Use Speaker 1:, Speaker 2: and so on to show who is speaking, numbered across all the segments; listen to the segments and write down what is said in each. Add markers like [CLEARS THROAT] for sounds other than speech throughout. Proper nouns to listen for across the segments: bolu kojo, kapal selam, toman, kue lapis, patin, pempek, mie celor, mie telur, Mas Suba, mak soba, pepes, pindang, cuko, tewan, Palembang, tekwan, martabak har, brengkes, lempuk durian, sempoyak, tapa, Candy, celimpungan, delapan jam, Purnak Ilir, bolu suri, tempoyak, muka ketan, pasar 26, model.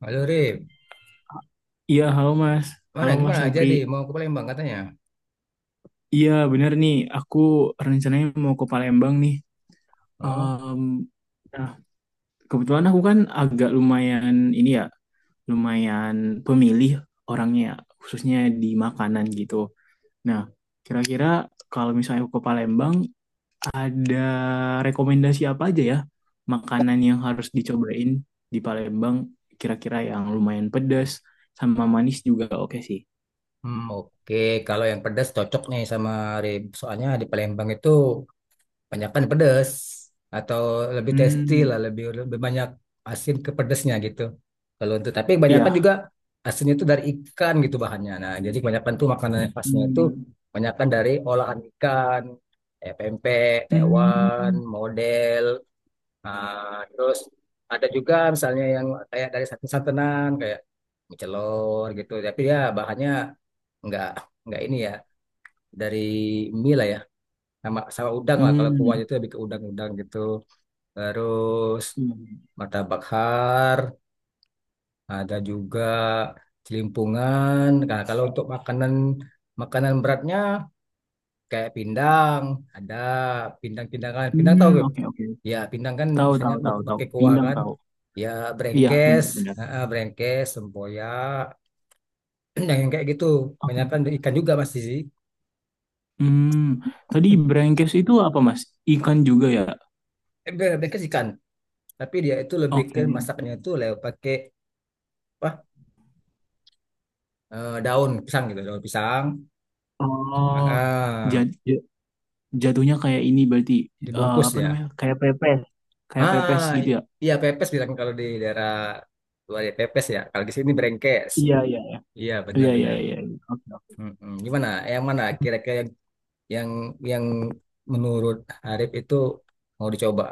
Speaker 1: Halo Rip,
Speaker 2: Iya, halo Mas.
Speaker 1: mana
Speaker 2: Halo Mas
Speaker 1: gimana
Speaker 2: Nopri.
Speaker 1: jadi mau ke Palembang katanya?
Speaker 2: Iya, benar nih. Aku rencananya mau ke Palembang nih.
Speaker 1: Oh,
Speaker 2: Em, nah, kebetulan aku kan agak lumayan ini ya, lumayan pemilih orangnya, ya, khususnya di makanan gitu. Nah, kira-kira kalau misalnya aku ke Palembang, ada rekomendasi apa aja ya makanan yang harus dicobain di Palembang? Kira-kira yang lumayan pedas sama manis juga oke sih.
Speaker 1: hmm, oke. Kalau yang pedas cocok nih sama Rip. Soalnya di Palembang itu banyakkan pedas atau lebih tasty lah,
Speaker 2: Hmm,
Speaker 1: lebih lebih banyak asin ke pedasnya gitu. Kalau untuk tapi kebanyakan
Speaker 2: iya.
Speaker 1: juga asinnya itu dari ikan gitu bahannya. Nah, jadi kebanyakan tuh makanan yang khasnya itu
Speaker 2: Hmm.
Speaker 1: kebanyakan dari olahan ikan, kayak pempek, tewan,
Speaker 2: Hmm,
Speaker 1: model. Nah, terus ada juga misalnya yang kayak dari santan-santanan kayak mie celor gitu. Tapi ya bahannya nggak nggak ini ya dari mie lah ya sama sama udang lah kalau kuahnya
Speaker 2: hmm,
Speaker 1: itu lebih ke udang-udang gitu. Terus
Speaker 2: hmm,
Speaker 1: martabak har, ada juga celimpungan. Nah, kalau untuk makanan makanan beratnya kayak pindang, ada pindang pindangan, pindang tau
Speaker 2: hmm,
Speaker 1: gak?
Speaker 2: oke oke.
Speaker 1: Ya pindang kan
Speaker 2: Tahu
Speaker 1: misalnya
Speaker 2: tahu tahu tahu.
Speaker 1: pakai kuah
Speaker 2: Pindang
Speaker 1: kan,
Speaker 2: tahu.
Speaker 1: ya
Speaker 2: Iya
Speaker 1: brengkes.
Speaker 2: benar benar.
Speaker 1: Heeh, brengkes sempoyak [CLEARS THROAT] yang kayak gitu, banyak kan
Speaker 2: Oke.
Speaker 1: ikan juga masih sih.
Speaker 2: Hmm, Tadi brengkes itu apa, Mas? Ikan juga ya?
Speaker 1: Brengkes ikan tapi dia itu lebih ke
Speaker 2: Oke.
Speaker 1: masaknya itu lewat pakai apa, daun pisang gitu, daun pisang.
Speaker 2: Oh,
Speaker 1: Heeh,
Speaker 2: jad- ja- jatuhnya kayak ini berarti,
Speaker 1: dibungkus
Speaker 2: apa
Speaker 1: ya.
Speaker 2: namanya? Kayak pepes
Speaker 1: ah
Speaker 2: gitu
Speaker 1: i-
Speaker 2: ya?
Speaker 1: iya, pepes bilang kalau di daerah luar, ya pepes, ya kalau di sini brengkes.
Speaker 2: Iya iya iya.
Speaker 1: Iya,
Speaker 2: Iya iya
Speaker 1: benar-benar.
Speaker 2: iya, iya. Oke
Speaker 1: Mm-mm. Gimana? Yang mana
Speaker 2: oke.
Speaker 1: kira-kira yang yang yang menurut Arif itu mau dicoba?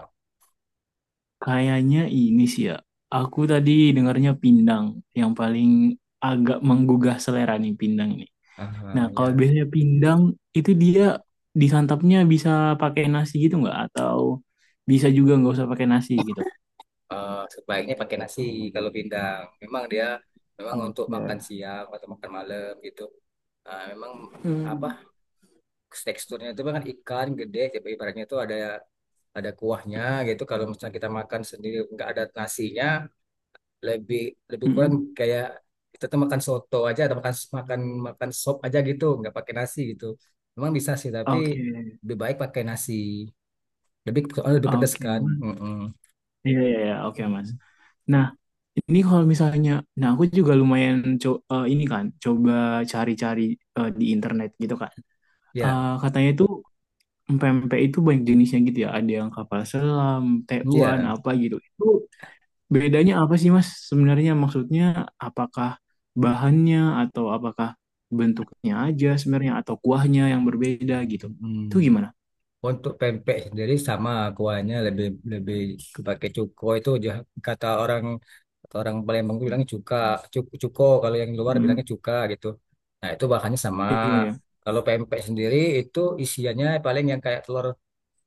Speaker 2: Kayaknya ini sih ya. Aku tadi dengarnya pindang yang paling agak menggugah selera nih, pindang. Nah,
Speaker 1: Ah
Speaker 2: kalau
Speaker 1: ya,
Speaker 2: biasanya pindang itu dia disantapnya bisa pakai nasi gitu nggak? Atau bisa juga nggak usah pakai nasi gitu?
Speaker 1: Sebaiknya pakai nasi kalau pindang. Memang dia memang untuk makan
Speaker 2: Oke.
Speaker 1: siang atau makan malam gitu. Ah, memang apa,
Speaker 2: Hmm.
Speaker 1: teksturnya itu kan ikan gede, tapi ibaratnya itu ada kuahnya gitu. Kalau misalnya kita makan sendiri nggak ada nasinya, lebih lebih kurang
Speaker 2: Mm-mm.
Speaker 1: kayak kita tuh makan soto aja atau makan makan makan sop aja gitu nggak pakai nasi gitu, memang bisa sih tapi
Speaker 2: Oke,
Speaker 1: lebih baik pakai nasi, lebih soalnya lebih pedas
Speaker 2: oke,
Speaker 1: kan.
Speaker 2: Mas.
Speaker 1: Mm-mm.
Speaker 2: Iya, iya, iya, oke, Mas.
Speaker 1: Mm-mm.
Speaker 2: Nah, ini kalau misalnya, nah aku juga lumayan ini kan, coba cari-cari di internet gitu kan. Eh,
Speaker 1: ya
Speaker 2: katanya itu pempek itu banyak jenisnya gitu ya, ada yang kapal selam, tekwan,
Speaker 1: ya
Speaker 2: apa gitu. Itu, bedanya apa sih, Mas? Sebenarnya maksudnya apakah bahannya atau apakah bentuknya aja sebenarnya atau kuahnya yang berbeda gitu. Itu
Speaker 1: Mm-mm.
Speaker 2: gimana?
Speaker 1: Untuk pempek sendiri sama kuahnya, lebih lebih pakai cuko itu, kata orang, kata orang Palembang tuh bilangnya cuka, cuko, cuko kalau yang luar
Speaker 2: Mm.
Speaker 1: bilangnya cuka gitu. Nah, itu bahannya sama.
Speaker 2: Iya ya.
Speaker 1: Kalau pempek sendiri itu isiannya paling yang kayak telur.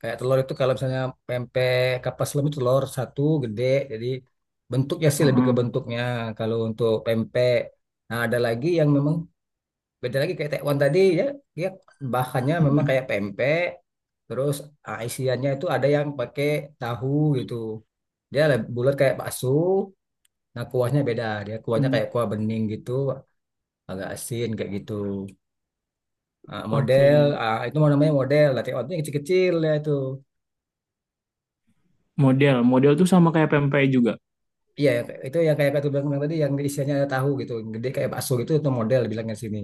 Speaker 1: Kayak telur itu, kalau misalnya pempek kapas lem itu telur satu gede, jadi bentuknya sih, lebih ke
Speaker 2: Heeh.
Speaker 1: bentuknya kalau untuk pempek. Nah, ada lagi yang memang beda lagi kayak tekwan tadi ya, dia bahannya memang
Speaker 2: Mm-mm.
Speaker 1: kayak pempek, terus isiannya itu ada yang pakai tahu gitu. Dia lebih bulat kayak bakso, nah kuahnya beda, dia kuahnya
Speaker 2: Mm.
Speaker 1: kayak kuah bening gitu, agak asin kayak gitu. Ah, model,
Speaker 2: Oke.
Speaker 1: ah, itu mau namanya model, lah tekwan itu yang kecil-kecil ya itu.
Speaker 2: Model, model tuh sama kayak pempek juga.
Speaker 1: Iya ya, kayak itu yang kayak kata bilang, tadi yang isiannya ada tahu gitu, yang gede kayak bakso gitu, itu model bilangnya di sini.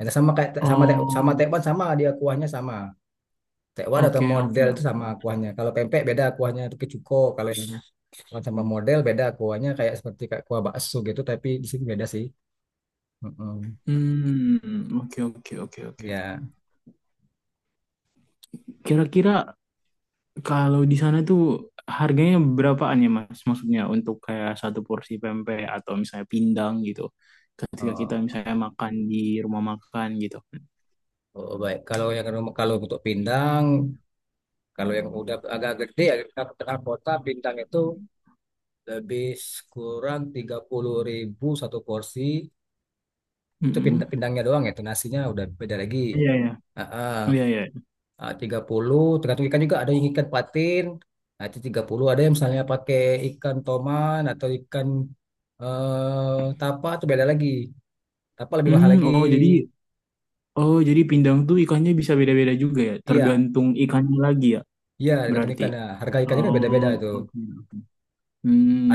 Speaker 1: Ada sama kayak sama
Speaker 2: Oh,
Speaker 1: tekwan, sama dia kuahnya sama. Tekwan atau
Speaker 2: oke oke
Speaker 1: model itu sama
Speaker 2: oke.
Speaker 1: kuahnya. Kalau pempek beda kuahnya, itu kecuko. Kalau yang tekwan sama model beda kuahnya, kayak seperti kayak kuah bakso gitu tapi di sini beda sih. Mm-mm.
Speaker 2: Hmm, oke oke oke oke.
Speaker 1: Ya.
Speaker 2: Kira-kira, kalau di sana tuh harganya berapaan ya, Mas? Maksudnya untuk kayak satu porsi pempek atau misalnya pindang gitu. Ketika kita
Speaker 1: Oh,
Speaker 2: misalnya makan di rumah makan gitu.
Speaker 1: oh baik. Kalau untuk pindang, kalau yang udah agak gede ya, kita ke tengah kota, pindang itu lebih kurang 30.000 satu porsi. Itu pindang
Speaker 2: Mm-mm.
Speaker 1: pindangnya doang ya, itu nasinya udah beda lagi.
Speaker 2: Iya ya.
Speaker 1: Heeh.
Speaker 2: Iya iya.
Speaker 1: Ah, tiga puluh, tergantung ikan juga, ada yang ikan patin, nah itu tiga puluh, ada yang misalnya pakai ikan toman atau ikan tapa, itu beda lagi. Tapa lebih mahal
Speaker 2: Hmm,
Speaker 1: lagi.
Speaker 2: oh jadi oh jadi pindang tuh ikannya bisa beda-beda juga ya,
Speaker 1: Iya,
Speaker 2: tergantung ikannya lagi ya
Speaker 1: iya, tergantung
Speaker 2: berarti.
Speaker 1: ikannya. Harga ikannya kan
Speaker 2: Oh,
Speaker 1: beda-beda itu.
Speaker 2: oke.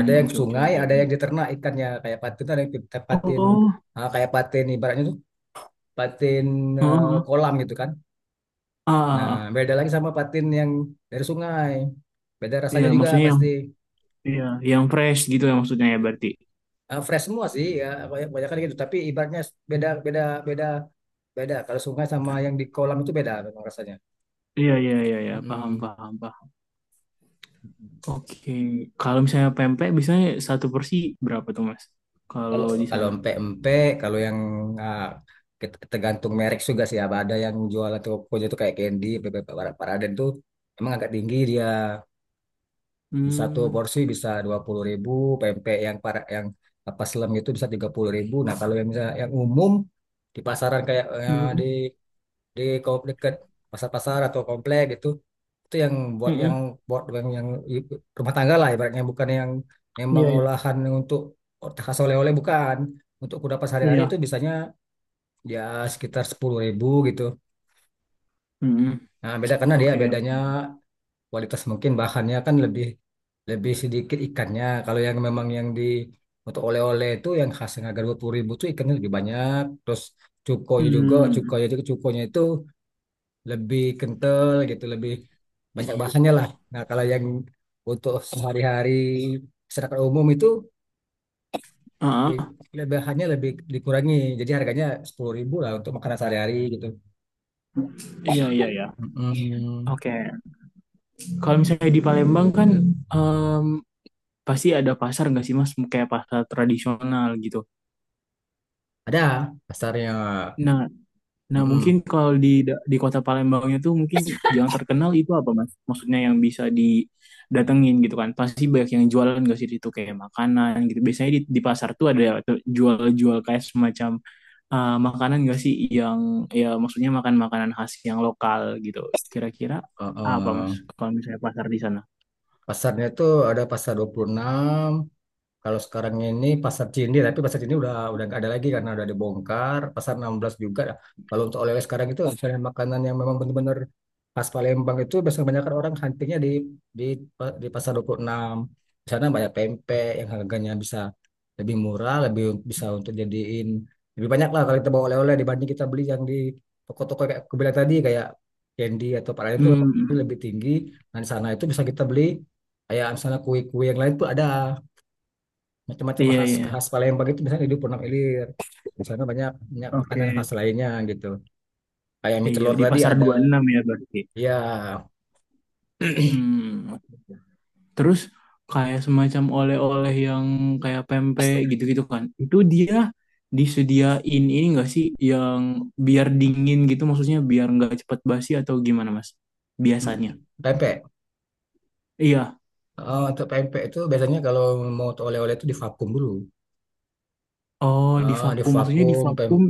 Speaker 1: Ada yang
Speaker 2: oke oke
Speaker 1: sungai,
Speaker 2: oke.
Speaker 1: ada yang diternak ikannya kayak patin, ada yang patin,
Speaker 2: Oh,
Speaker 1: kayak patin ibaratnya tuh patin,
Speaker 2: heeh.
Speaker 1: kolam gitu kan.
Speaker 2: Ah,
Speaker 1: Nah,
Speaker 2: ah, ah.
Speaker 1: beda lagi sama patin yang dari sungai. Beda
Speaker 2: Iya,
Speaker 1: rasanya juga
Speaker 2: maksudnya yang,
Speaker 1: pasti.
Speaker 2: iya, yang fresh gitu ya maksudnya ya berarti.
Speaker 1: Fresh semua sih ya, kebanyakan gitu. Tapi ibaratnya beda beda beda beda. Kalau sungai sama yang di kolam itu beda memang rasanya.
Speaker 2: Iya iya iya iya, paham
Speaker 1: Mm-mm.
Speaker 2: paham paham. Oke, kalau misalnya pempek biasanya satu porsi berapa tuh, Mas?
Speaker 1: Kalau
Speaker 2: Kalau di
Speaker 1: kalau
Speaker 2: sana?
Speaker 1: empek-empek, kalau yang ah, tergantung merek juga sih. Ada yang jual tokonya itu kayak Candy, tuh emang agak tinggi dia. Bisa tuh
Speaker 2: Hmm,
Speaker 1: porsi bisa 20.000, pempek yang para yang apa selem itu bisa 30.000. Nah, kalau yang misalnya yang umum di pasaran kayak
Speaker 2: hmm,
Speaker 1: di dekat pasar-pasar atau komplek gitu, itu yang buat yang
Speaker 2: hmm,
Speaker 1: buat yang i- rumah tangga lah, ibaratnya bukan yang memang
Speaker 2: iya iya,
Speaker 1: olahan untuk khas oleh-oleh, bukan untuk kudapan sehari-hari, itu
Speaker 2: iya,
Speaker 1: bisanya ya sekitar 10.000 gitu.
Speaker 2: hmm,
Speaker 1: Nah, beda karena dia
Speaker 2: oke,
Speaker 1: bedanya kualitas, mungkin bahannya kan lebih lebih sedikit ikannya. Kalau yang memang yang untuk oleh-oleh itu, yang khas, yang harga 20 ribu itu ikannya lebih banyak. Terus cukonya juga,
Speaker 2: hmm,
Speaker 1: cukonya itu lebih kental gitu, lebih banyak bahannya lah. Nah, kalau yang untuk sehari-hari masyarakat umum itu, eh,
Speaker 2: ah,
Speaker 1: bahannya lebih dikurangi. Jadi harganya 10.000 lah untuk makanan sehari-hari gitu.
Speaker 2: iya iya iya,
Speaker 1: Mm-mm.
Speaker 2: oke. Kalau misalnya di Palembang kan, em, pasti ada pasar nggak sih, Mas? Kayak pasar tradisional gitu.
Speaker 1: Ada pasarnya.
Speaker 2: Nah, Nah, mungkin
Speaker 1: Mm-mm.
Speaker 2: kalau di di kota Palembangnya tuh mungkin yang terkenal itu apa, Mas? Maksudnya yang bisa didatengin gitu kan. Pasti banyak yang jualan gak sih di situ kayak makanan gitu. Biasanya di pasar tuh ada tuh jual-jual kayak semacam makanan gak sih, yang, ya maksudnya makan makanan khas yang lokal gitu. Kira-kira apa, Mas?
Speaker 1: Uh-uh.
Speaker 2: Kalau misalnya pasar di sana?
Speaker 1: Pasarnya itu ada pasar 26, kalau sekarang ini pasar Cindi, tapi pasar Cindi udah nggak ada lagi karena udah dibongkar. Pasar 16 juga. Kalau untuk oleh-oleh sekarang itu, misalnya makanan yang memang benar-benar khas Palembang itu biasanya kebanyakan orang huntingnya di di di pasar 26. Di sana banyak pempek yang harganya bisa lebih murah, lebih bisa untuk jadiin lebih banyak lah kalau kita bawa oleh-oleh dibanding kita beli yang di toko-toko kayak aku bilang tadi, kayak Candy atau apa lain, itu memang
Speaker 2: Hmm.
Speaker 1: lebih tinggi. Dan di sana itu bisa kita beli kayak misalnya kue-kue yang lain tuh ada macam-macam
Speaker 2: Iya,
Speaker 1: khas,
Speaker 2: iya.
Speaker 1: khas Palembang itu misalnya di Purnak Ilir, di sana banyak, banyak
Speaker 2: Oke.
Speaker 1: makanan khas lainnya gitu, kayak mie
Speaker 2: Iya,
Speaker 1: telur
Speaker 2: di
Speaker 1: tadi
Speaker 2: pasar
Speaker 1: ada.
Speaker 2: 26 ya berarti.
Speaker 1: Ya. [CLEARS THROAT]
Speaker 2: Hmm, terus kayak semacam oleh-oleh yang kayak pempek gitu-gitu kan. Itu dia disediain ini enggak sih, yang biar dingin gitu maksudnya biar nggak cepat basi atau gimana, Mas? Biasanya.
Speaker 1: Pempek,
Speaker 2: Iya.
Speaker 1: Untuk pempek itu biasanya kalau mau oleh-oleh itu divakum dulu.
Speaker 2: Oh, di vakum. Maksudnya di
Speaker 1: Divakum pem,
Speaker 2: vakum.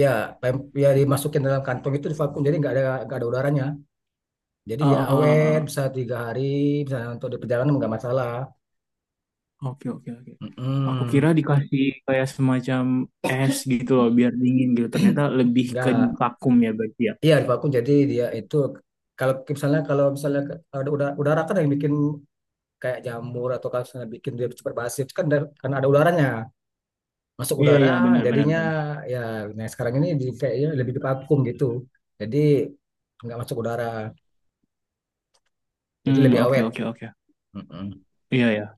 Speaker 1: ya pem, ya dimasukin dalam kantong, itu divakum, jadi nggak ada udaranya, jadi
Speaker 2: Eh,
Speaker 1: dia awet
Speaker 2: eh, eh,
Speaker 1: bisa 3 hari, bisa untuk di perjalanan nggak masalah.
Speaker 2: eh. Oke, oke, oke. Aku
Speaker 1: Mm-mm.
Speaker 2: kira dikasih kayak semacam es gitu loh biar dingin gitu. Ternyata lebih ke di
Speaker 1: Nggak.
Speaker 2: vakum ya berarti ya.
Speaker 1: Iya, vakum. Jadi dia itu, kalau misalnya ada udara, udara kan yang bikin kayak jamur atau kalau misalnya bikin dia cepat basi itu kan dari, karena ada udaranya, masuk
Speaker 2: Iya,
Speaker 1: udara
Speaker 2: iya, benar, benar,
Speaker 1: jadinya,
Speaker 2: benar.
Speaker 1: ya. Nah sekarang ini di kayaknya lebih divakum gitu. Jadi nggak masuk udara. Jadi
Speaker 2: Hmm,
Speaker 1: lebih
Speaker 2: oke,
Speaker 1: awet.
Speaker 2: oke, oke.
Speaker 1: Mm-mm.
Speaker 2: Iya, iya.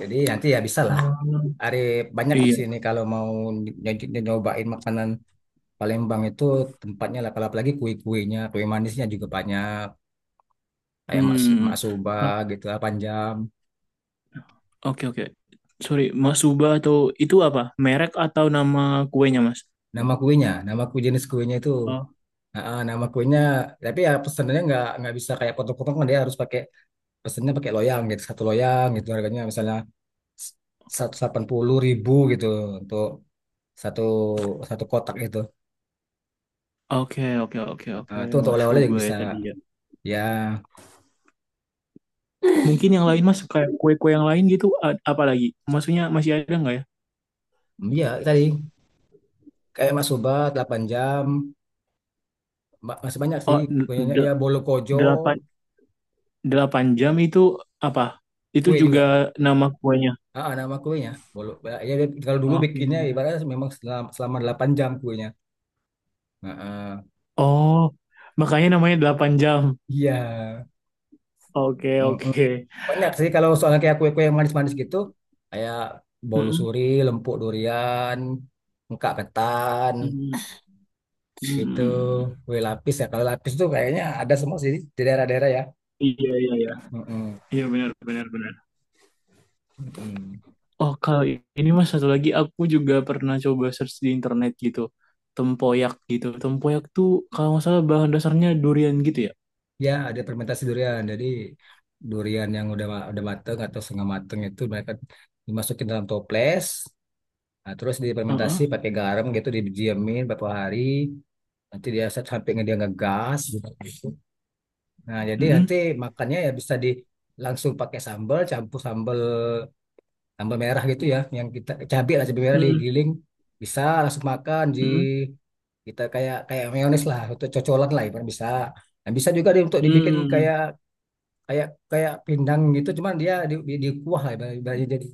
Speaker 1: Jadi nanti ya bisa lah.
Speaker 2: Hmm,
Speaker 1: Hari banyak di
Speaker 2: iya,
Speaker 1: sini kalau mau ny- nyobain makanan Palembang, itu tempatnya lah. Kalau apalagi kue-kuenya, kue manisnya juga banyak. Kayak mak
Speaker 2: hmm,
Speaker 1: soba
Speaker 2: Ba-
Speaker 1: gitu lah, panjang.
Speaker 2: oke oke. Sorry, Mas Suba atau itu apa? Merek atau nama kuenya, Mas?
Speaker 1: Nama kuenya, nama kue jenis kuenya itu.
Speaker 2: Oh,
Speaker 1: Ah, ah, nama kuenya, tapi ya pesenannya nggak bisa kayak potong-potong, kan dia harus pakai, pesennya pakai loyang gitu, satu loyang gitu harganya misalnya satu, 80.000 gitu untuk satu satu kotak itu.
Speaker 2: oke, oke, oke,
Speaker 1: Ah,
Speaker 2: oke,
Speaker 1: ah, itu untuk
Speaker 2: Mas
Speaker 1: oleh-oleh juga
Speaker 2: Suba ya
Speaker 1: bisa.
Speaker 2: tadi ya.
Speaker 1: Ya,
Speaker 2: Mungkin yang lain, Mas, kayak kue-kue yang lain gitu, apa lagi? Maksudnya masih ada nggak ya?
Speaker 1: mm, ya tadi kayak Mas Soba 8 jam, masih banyak sih
Speaker 2: Oh,
Speaker 1: kuenya. Ya bolu kojo,
Speaker 2: delapan, delapan jam itu apa? Itu
Speaker 1: kue
Speaker 2: juga
Speaker 1: juga.
Speaker 2: nama kuenya.
Speaker 1: Ah, ah, nama kuenya bolu. Ya, dia, kalau dulu
Speaker 2: Oke.
Speaker 1: bikinnya ibaratnya memang selama 8 jam kuenya. Heeh.
Speaker 2: Oh, makanya namanya delapan jam.
Speaker 1: Iya.
Speaker 2: Oke,
Speaker 1: Mm-mm.
Speaker 2: oke.
Speaker 1: Banyak sih kalau soalnya kayak kue-kue yang manis-manis gitu, kayak bolu
Speaker 2: Mm-mm,
Speaker 1: suri, lempuk durian, muka ketan,
Speaker 2: mm-mm,
Speaker 1: gitu,
Speaker 2: mm-mm.
Speaker 1: kue lapis ya. Kalau lapis tuh kayaknya ada semua sih di daerah-daerah ya.
Speaker 2: Iya, iya, iya.
Speaker 1: Mm-mm.
Speaker 2: Iya, benar, benar, benar.
Speaker 1: Mm-mm.
Speaker 2: Oh, kalau ini, Mas, satu lagi aku juga pernah coba search di internet gitu. Tempoyak gitu. Tempoyak tuh kalau nggak salah bahan dasarnya durian gitu ya.
Speaker 1: Ya, ada fermentasi durian. Jadi durian yang udah mateng atau setengah mateng itu mereka dimasukin dalam toples, nah, terus
Speaker 2: Heeh.
Speaker 1: difermentasi pakai garam gitu, didiemin beberapa hari. Nanti dia sampai dia ngegas, gitu. Nah, jadi
Speaker 2: Mm-mm.
Speaker 1: nanti makannya ya bisa di langsung pakai sambal, campur sambal, sambal merah gitu ya, yang kita cabai lah, cabai merah
Speaker 2: Mm-mm.
Speaker 1: digiling, bisa langsung makan di,
Speaker 2: Mm-mm.
Speaker 1: kita kayak kayak mayones lah untuk cocolan lah ibarat bisa. Nah, bisa juga di, untuk dibikin
Speaker 2: Mm-mm.
Speaker 1: kayak kayak kayak pindang gitu, cuman dia di kuah lah, ibarat, ibaratnya jadi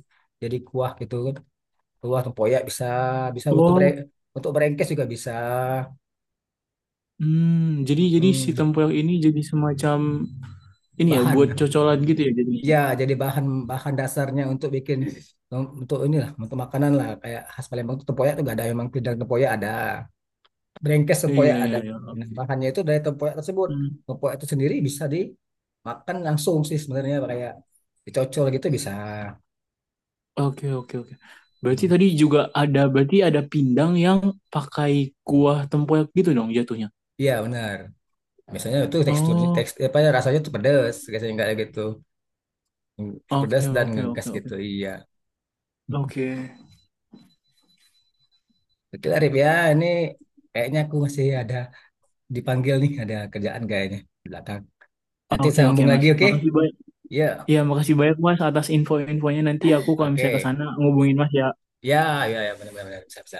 Speaker 1: jadi kuah gitu kan. Kuah tempoyak bisa, bisa untuk bere,
Speaker 2: Oh,
Speaker 1: untuk berengkes juga bisa.
Speaker 2: hmm. Jadi si
Speaker 1: Mm-mm.
Speaker 2: tempoyak ini jadi semacam ini ya buat
Speaker 1: Bahan.
Speaker 2: cocolan gitu ya jadinya.
Speaker 1: Ya, jadi bahan, bahan dasarnya untuk bikin, untuk inilah, untuk makanan lah kayak khas Palembang itu tempoyak itu gak ada, memang tidak, tempoyak ada, brengkes
Speaker 2: Iya
Speaker 1: tempoyak
Speaker 2: iya
Speaker 1: ada.
Speaker 2: iya.
Speaker 1: Nah, bahannya itu dari tempoyak tersebut.
Speaker 2: Hmm.
Speaker 1: Tempoyak itu sendiri bisa dimakan langsung sih sebenarnya, kayak dicocol gitu bisa.
Speaker 2: Oke oke oke. Berarti
Speaker 1: Hmm.
Speaker 2: tadi juga ada, berarti ada pindang yang pakai kuah tempoyak gitu dong jatuhnya.
Speaker 1: Iya, benar. Biasanya itu teksturnya
Speaker 2: Oh,
Speaker 1: teks, apa ya, rasanya tuh pedas biasanya, nggak gitu
Speaker 2: oke
Speaker 1: pedas dan
Speaker 2: oke
Speaker 1: ngegas
Speaker 2: oke oke.
Speaker 1: gitu, iya. [LAUGHS]
Speaker 2: Oke.
Speaker 1: Oke lah ya, ini kayaknya aku masih ada, dipanggil nih, ada kerjaan kayaknya di belakang.
Speaker 2: Oh,
Speaker 1: Nanti
Speaker 2: oke oke,
Speaker 1: sambung
Speaker 2: Mas,
Speaker 1: lagi, oke?
Speaker 2: makasih banyak.
Speaker 1: Ya,
Speaker 2: Iya makasih banyak, Mas, atas info-infonya. Nanti aku kalau misalnya ke
Speaker 1: oke.
Speaker 2: sana ngubungin Mas ya.
Speaker 1: Ya, ya, ya, benar-benar bisa, bisa.